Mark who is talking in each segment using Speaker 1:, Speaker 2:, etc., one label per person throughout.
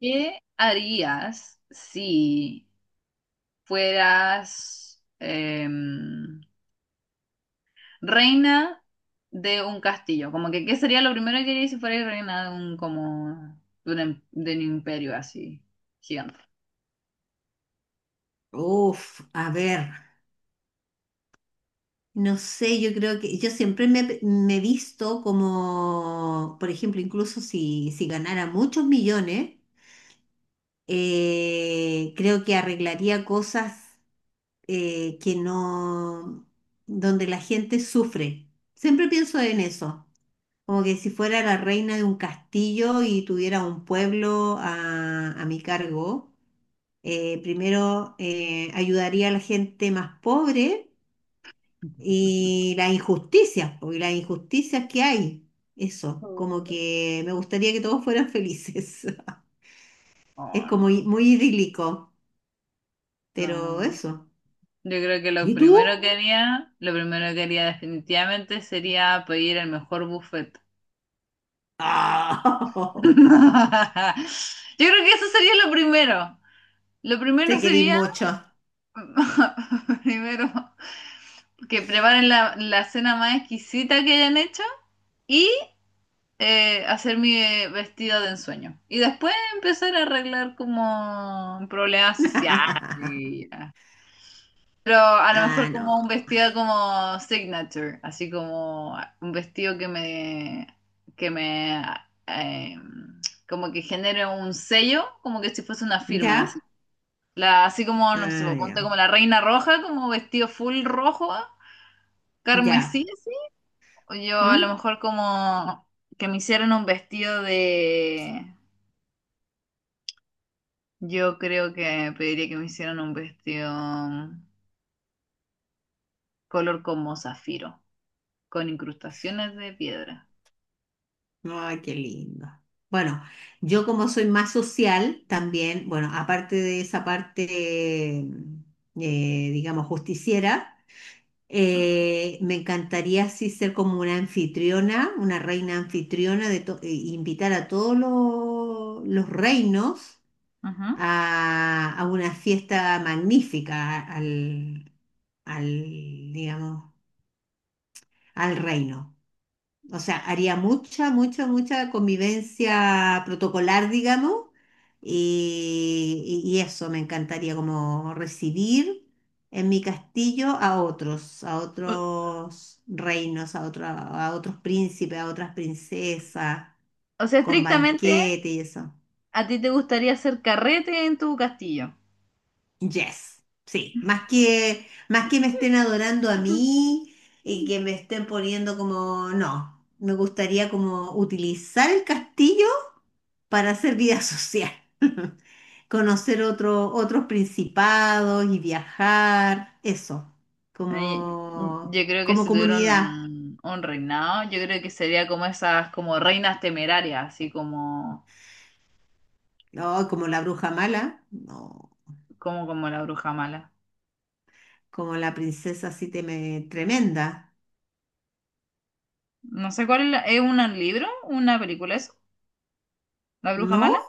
Speaker 1: ¿Qué harías si fueras reina de un castillo? Como que, ¿qué sería lo primero que harías si fueras reina de un, como, de un, em- de un imperio así gigante?
Speaker 2: Uf, a ver, no sé, yo creo que yo siempre me he visto como, por ejemplo, incluso si ganara muchos millones, creo que arreglaría cosas que no, donde la gente sufre. Siempre pienso en eso, como que si fuera la reina de un castillo y tuviera un pueblo a mi cargo, primero ayudaría a la gente más pobre. Y las injusticias, porque las injusticias que hay, eso, como
Speaker 1: Oh.
Speaker 2: que me gustaría que todos fueran felices. Es
Speaker 1: Oh,
Speaker 2: como
Speaker 1: no,
Speaker 2: muy idílico, pero
Speaker 1: no.
Speaker 2: eso.
Speaker 1: Yo creo que lo
Speaker 2: ¿Y tú?
Speaker 1: primero que haría, lo primero que haría definitivamente sería pedir el mejor buffet.
Speaker 2: Ah.
Speaker 1: Yo creo que eso sería lo primero. Lo primero
Speaker 2: Te querís
Speaker 1: sería...
Speaker 2: mucho.
Speaker 1: Primero, que preparen la cena más exquisita que hayan hecho y hacer mi vestido de ensueño. Y después empezar a arreglar como problemas sociales. Y, ah. Pero a lo mejor
Speaker 2: Ah, no.
Speaker 1: como un vestido como signature, así como un vestido que me, eh, como que genere un sello, como que si fuese una firma, así.
Speaker 2: ¿Ya?
Speaker 1: La, así como, no sé,
Speaker 2: Ah, ya.
Speaker 1: ponte como la reina roja, como vestido full rojo, carmesí,
Speaker 2: Ya.
Speaker 1: así. O yo a lo
Speaker 2: ¿Mm?
Speaker 1: mejor como que me hicieran un vestido de... Yo creo que pediría que me hicieran un vestido color como zafiro, con incrustaciones de piedra.
Speaker 2: Ay, qué lindo. Bueno, yo como soy más social también, bueno, aparte de esa parte, digamos, justiciera.
Speaker 1: Ujú,
Speaker 2: Me encantaría así ser como una anfitriona, una reina anfitriona, de e invitar a todos los reinos
Speaker 1: ujú.
Speaker 2: a una fiesta magnífica al, al, digamos, al reino. O sea, haría mucha, mucha, mucha convivencia protocolar, digamos, y eso me encantaría, como recibir en mi castillo a
Speaker 1: O,
Speaker 2: otros reinos, a, a otros príncipes, a otras princesas,
Speaker 1: o sea,
Speaker 2: con
Speaker 1: estrictamente,
Speaker 2: banquete y eso.
Speaker 1: ¿a ti te gustaría hacer carrete en tu castillo?
Speaker 2: Yes, sí, más que me estén adorando a mí y
Speaker 1: Mm.
Speaker 2: que me estén poniendo como, no, me gustaría como utilizar el castillo para hacer vida social, conocer otros principados y viajar, eso,
Speaker 1: Eh,
Speaker 2: como,
Speaker 1: Yo creo que
Speaker 2: como
Speaker 1: si tuviera
Speaker 2: comunidad,
Speaker 1: un reinado, yo creo que sería como esas como reinas temerarias, así como,
Speaker 2: no, como la bruja mala, no,
Speaker 1: como, como la bruja mala.
Speaker 2: como la princesa así tremenda,
Speaker 1: No sé cuál es, la- ¿es un libro, una película eso, La Bruja
Speaker 2: ¿no?
Speaker 1: Mala?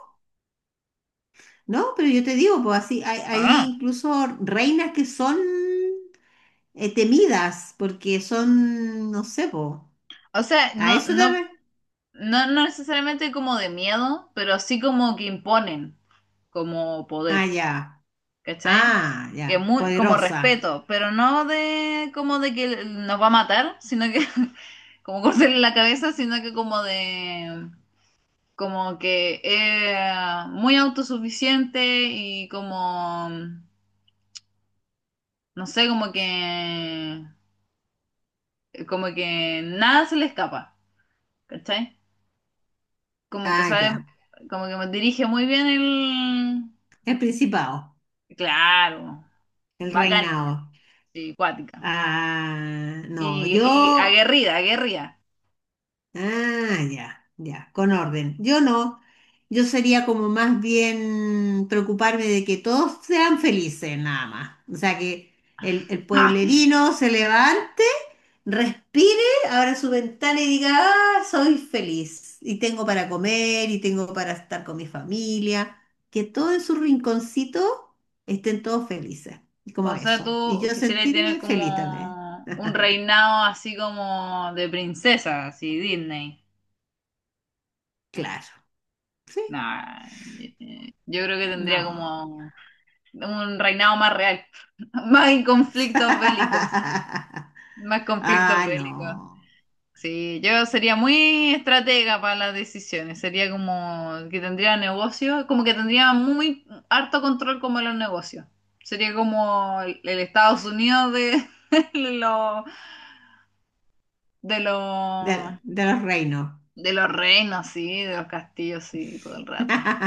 Speaker 2: No, pero yo te digo, pues así, hay
Speaker 1: Ah,
Speaker 2: incluso reinas que son temidas porque son, no sé, pues.
Speaker 1: o sea,
Speaker 2: ¿A
Speaker 1: no,
Speaker 2: eso te
Speaker 1: no, no, no necesariamente como de miedo, pero sí como que imponen como
Speaker 2: Ah,
Speaker 1: poder,
Speaker 2: ya.
Speaker 1: ¿cachai?
Speaker 2: Ah, ya.
Speaker 1: Que muy, como
Speaker 2: Poderosa.
Speaker 1: respeto, pero no de como de que nos va a matar, sino que como cortarle la cabeza, sino que como de como que es muy autosuficiente y como no sé, como que nada se le escapa, ¿cachai? Como que
Speaker 2: Ah,
Speaker 1: sabe,
Speaker 2: ya.
Speaker 1: como que me dirige muy bien el...
Speaker 2: El principado.
Speaker 1: Claro,
Speaker 2: El
Speaker 1: bacana ella,
Speaker 2: reinado.
Speaker 1: sí, cuática.
Speaker 2: Ah, no.
Speaker 1: Y
Speaker 2: Yo.
Speaker 1: aguerrida, aguerrida.
Speaker 2: Ah, ya, ya, con orden. Yo no, yo sería como más bien preocuparme de que todos sean felices, nada más. O sea, que el
Speaker 1: ¡Ah!
Speaker 2: pueblerino se levante, respire, abra su ventana y diga, ah, soy feliz y tengo para comer y tengo para estar con mi familia. Que todo en su rinconcito estén todos felices, como
Speaker 1: O sea,
Speaker 2: eso. Y
Speaker 1: tú
Speaker 2: yo
Speaker 1: quisieras tener
Speaker 2: sentirme feliz también,
Speaker 1: como un reinado así como de princesa, así Disney.
Speaker 2: claro. Sí,
Speaker 1: Nah, yo creo que tendría
Speaker 2: no.
Speaker 1: como un reinado más real, más conflictos bélicos, más conflictos
Speaker 2: Ah,
Speaker 1: bélicos.
Speaker 2: no.
Speaker 1: Sí, yo sería muy estratega para las decisiones. Sería como que tendría negocios, como que tendría muy harto control como de los negocios. Sería como el Estados Unidos de, de los de los
Speaker 2: De los reinos.
Speaker 1: de los reinos, sí, de los castillos, sí, todo el rato.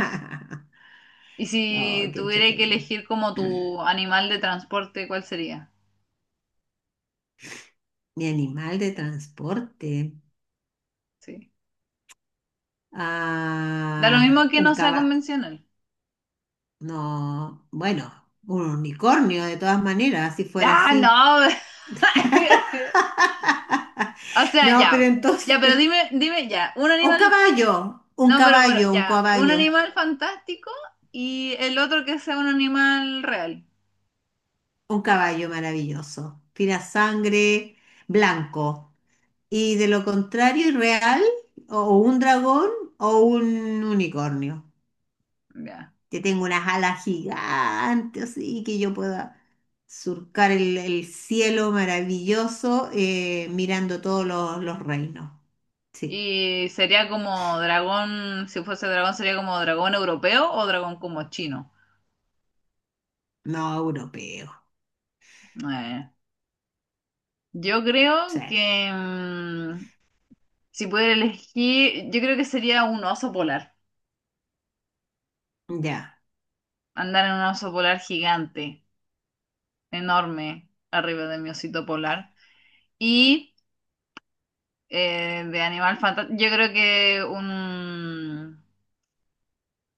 Speaker 1: Y
Speaker 2: Oh,
Speaker 1: si
Speaker 2: qué
Speaker 1: tuviera que
Speaker 2: entretenido.
Speaker 1: elegir como tu animal de transporte, ¿cuál sería?
Speaker 2: Mi animal de transporte.
Speaker 1: Sí. Da lo
Speaker 2: Ah,
Speaker 1: mismo que
Speaker 2: un
Speaker 1: no sea
Speaker 2: caballo.
Speaker 1: convencional.
Speaker 2: No, bueno, un unicornio de todas maneras, si fuera
Speaker 1: Ah,
Speaker 2: así.
Speaker 1: no. O sea,
Speaker 2: No, pero
Speaker 1: ya, ya, pero
Speaker 2: entonces.
Speaker 1: dime, dime ya, un
Speaker 2: Un
Speaker 1: animal,
Speaker 2: caballo, un
Speaker 1: no,
Speaker 2: caballo, un
Speaker 1: ya, un
Speaker 2: caballo,
Speaker 1: animal fantástico y el otro que sea un animal real,
Speaker 2: un caballo maravilloso. Tira sangre, blanco. Y de lo contrario, irreal, o un dragón o un unicornio,
Speaker 1: ya.
Speaker 2: que tenga unas alas gigantes así, y que yo pueda surcar el cielo maravilloso mirando todos los reinos. Sí,
Speaker 1: Y sería como dragón, si fuese dragón sería como dragón europeo o dragón como chino.
Speaker 2: no europeo.
Speaker 1: Eh, yo
Speaker 2: Sí,
Speaker 1: creo que si pudiera elegir, yo creo que sería un oso polar,
Speaker 2: ya.
Speaker 1: andar en un oso polar gigante, enorme, arriba de mi osito polar. Y... de animal fantástico. Yo creo que un...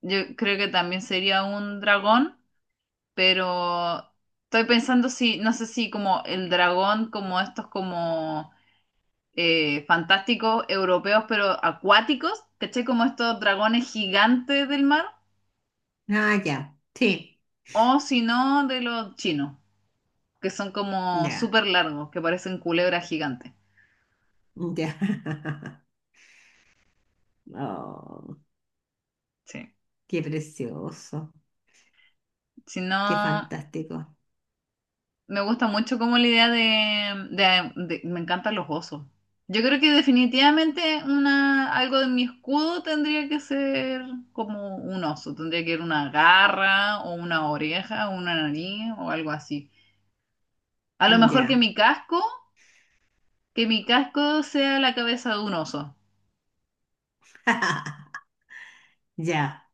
Speaker 1: Yo creo que también sería un dragón, pero estoy pensando si, no sé si como el dragón, como estos como fantásticos europeos, pero acuáticos, ¿cachai? Como estos dragones gigantes del mar,
Speaker 2: Ah, ya. Sí,
Speaker 1: o si no, de los chinos, que son como
Speaker 2: ya.
Speaker 1: súper largos, que parecen culebras gigantes.
Speaker 2: Ya. Oh,
Speaker 1: Sí.
Speaker 2: qué precioso.
Speaker 1: Si no...
Speaker 2: Qué fantástico.
Speaker 1: Me gusta mucho como la idea de- Me encantan los osos. Yo creo que definitivamente una, algo de mi escudo tendría que ser como un oso. Tendría que ser una garra o una oreja o una nariz o algo así. A lo mejor
Speaker 2: Ya.
Speaker 1: que mi casco sea la cabeza de un oso.
Speaker 2: Ya.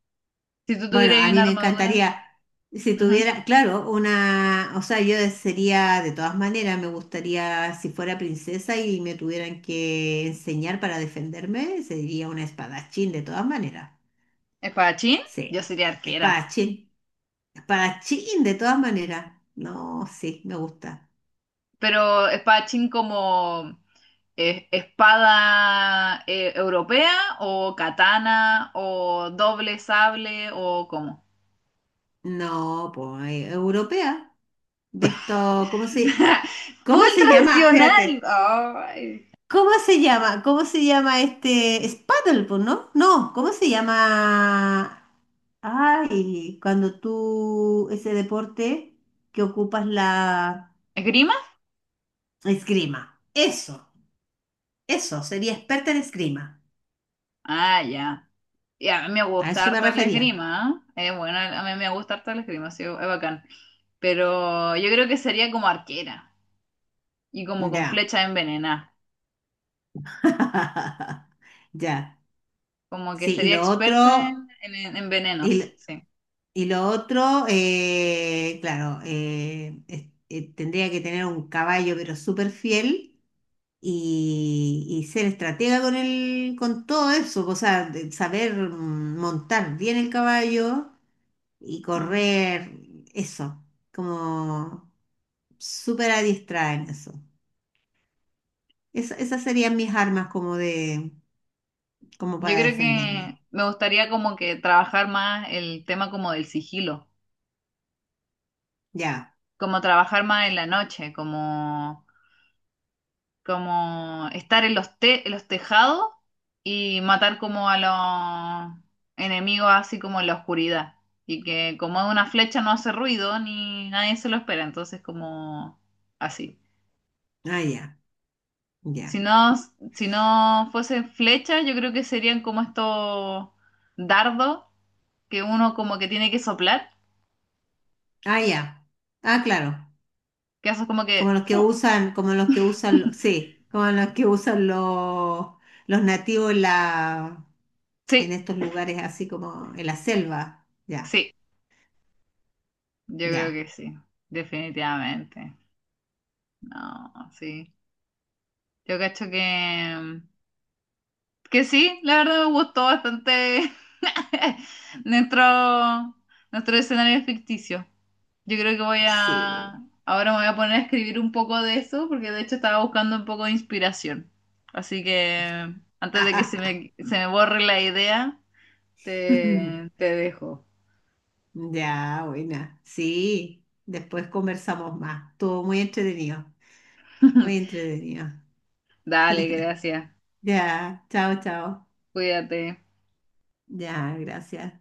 Speaker 1: Si tú
Speaker 2: Bueno,
Speaker 1: tuvieras ahí
Speaker 2: a mí
Speaker 1: una
Speaker 2: me
Speaker 1: armadura.
Speaker 2: encantaría, si
Speaker 1: Ujú.
Speaker 2: tuviera, claro, una, o sea, yo sería, de todas maneras, me gustaría, si fuera princesa y me tuvieran que enseñar para defenderme, sería una espadachín, de todas maneras.
Speaker 1: ¿Espadachín? Yo
Speaker 2: Sí,
Speaker 1: sería arquera.
Speaker 2: espadachín, espadachín, de todas maneras. No, sí, me gusta.
Speaker 1: Pero espadachín como... ¿Es espada europea o katana o doble sable o cómo?
Speaker 2: No, pues, europea, de esto, cómo
Speaker 1: Full
Speaker 2: se llama?
Speaker 1: tradicional.
Speaker 2: Espérate.
Speaker 1: Ay.
Speaker 2: ¿Cómo se llama? ¿Cómo se llama este? Es paddleboard, ¿no? No, ¿cómo se llama? Ay, cuando tú, ese deporte que ocupas la
Speaker 1: ¿Esgrima?
Speaker 2: esgrima. Eso, sería experta en esgrima.
Speaker 1: Ah, ya. Y a mí me
Speaker 2: A
Speaker 1: gusta
Speaker 2: eso me
Speaker 1: harto el
Speaker 2: refería.
Speaker 1: esgrima, ¿eh? Bueno, a mí me gusta harto el esgrima, sí, es bacán. Pero yo creo que sería como arquera y como con
Speaker 2: Ya.
Speaker 1: flecha envenenada.
Speaker 2: Ya.
Speaker 1: Como que
Speaker 2: Sí, y
Speaker 1: sería
Speaker 2: lo
Speaker 1: experta
Speaker 2: otro,
Speaker 1: en
Speaker 2: y, lo
Speaker 1: venenos, sí.
Speaker 2: y lo otro, claro, tendría que tener un caballo, pero súper fiel y ser estratega con el, con todo eso, o sea, de saber montar bien el caballo y
Speaker 1: Ujú.
Speaker 2: correr, eso, como súper adiestrada en eso. Esas serían mis armas como de, como
Speaker 1: Yo
Speaker 2: para
Speaker 1: creo
Speaker 2: defenderme.
Speaker 1: que me gustaría como que trabajar más el tema como del sigilo,
Speaker 2: Ya,
Speaker 1: como trabajar más en la noche, como, como estar en los te- en los tejados y matar como a los enemigos así como en la oscuridad. Y que como es una flecha no hace ruido ni nadie se lo espera, entonces como así.
Speaker 2: ah, ya,
Speaker 1: Si
Speaker 2: ya,
Speaker 1: no, si no fuesen flechas, yo creo que serían como estos dardos que uno como que tiene que soplar.
Speaker 2: ah, ya. Ah, claro.
Speaker 1: Que haces como que...
Speaker 2: Como los que
Speaker 1: ¡fu!
Speaker 2: usan, como los que usan, sí, como los que usan los nativos en la, en
Speaker 1: Sí,
Speaker 2: estos lugares así como en la selva. Ya,
Speaker 1: sí, yo creo
Speaker 2: ya,
Speaker 1: que sí, definitivamente. No, sí. Yo cacho que... Que sí, la verdad me gustó bastante nuestro, nuestro escenario ficticio. Yo creo que voy a...
Speaker 2: sí.
Speaker 1: Ahora me voy a poner a escribir un poco de eso, porque de hecho estaba buscando un poco de inspiración. Así que antes de que se me borre la idea, te dejo.
Speaker 2: Ya, buena. Sí, después conversamos más. Estuvo muy entretenido, muy entretenido.
Speaker 1: Dale, gracias.
Speaker 2: Ya, chao, chao.
Speaker 1: Cuídate.
Speaker 2: Ya, gracias.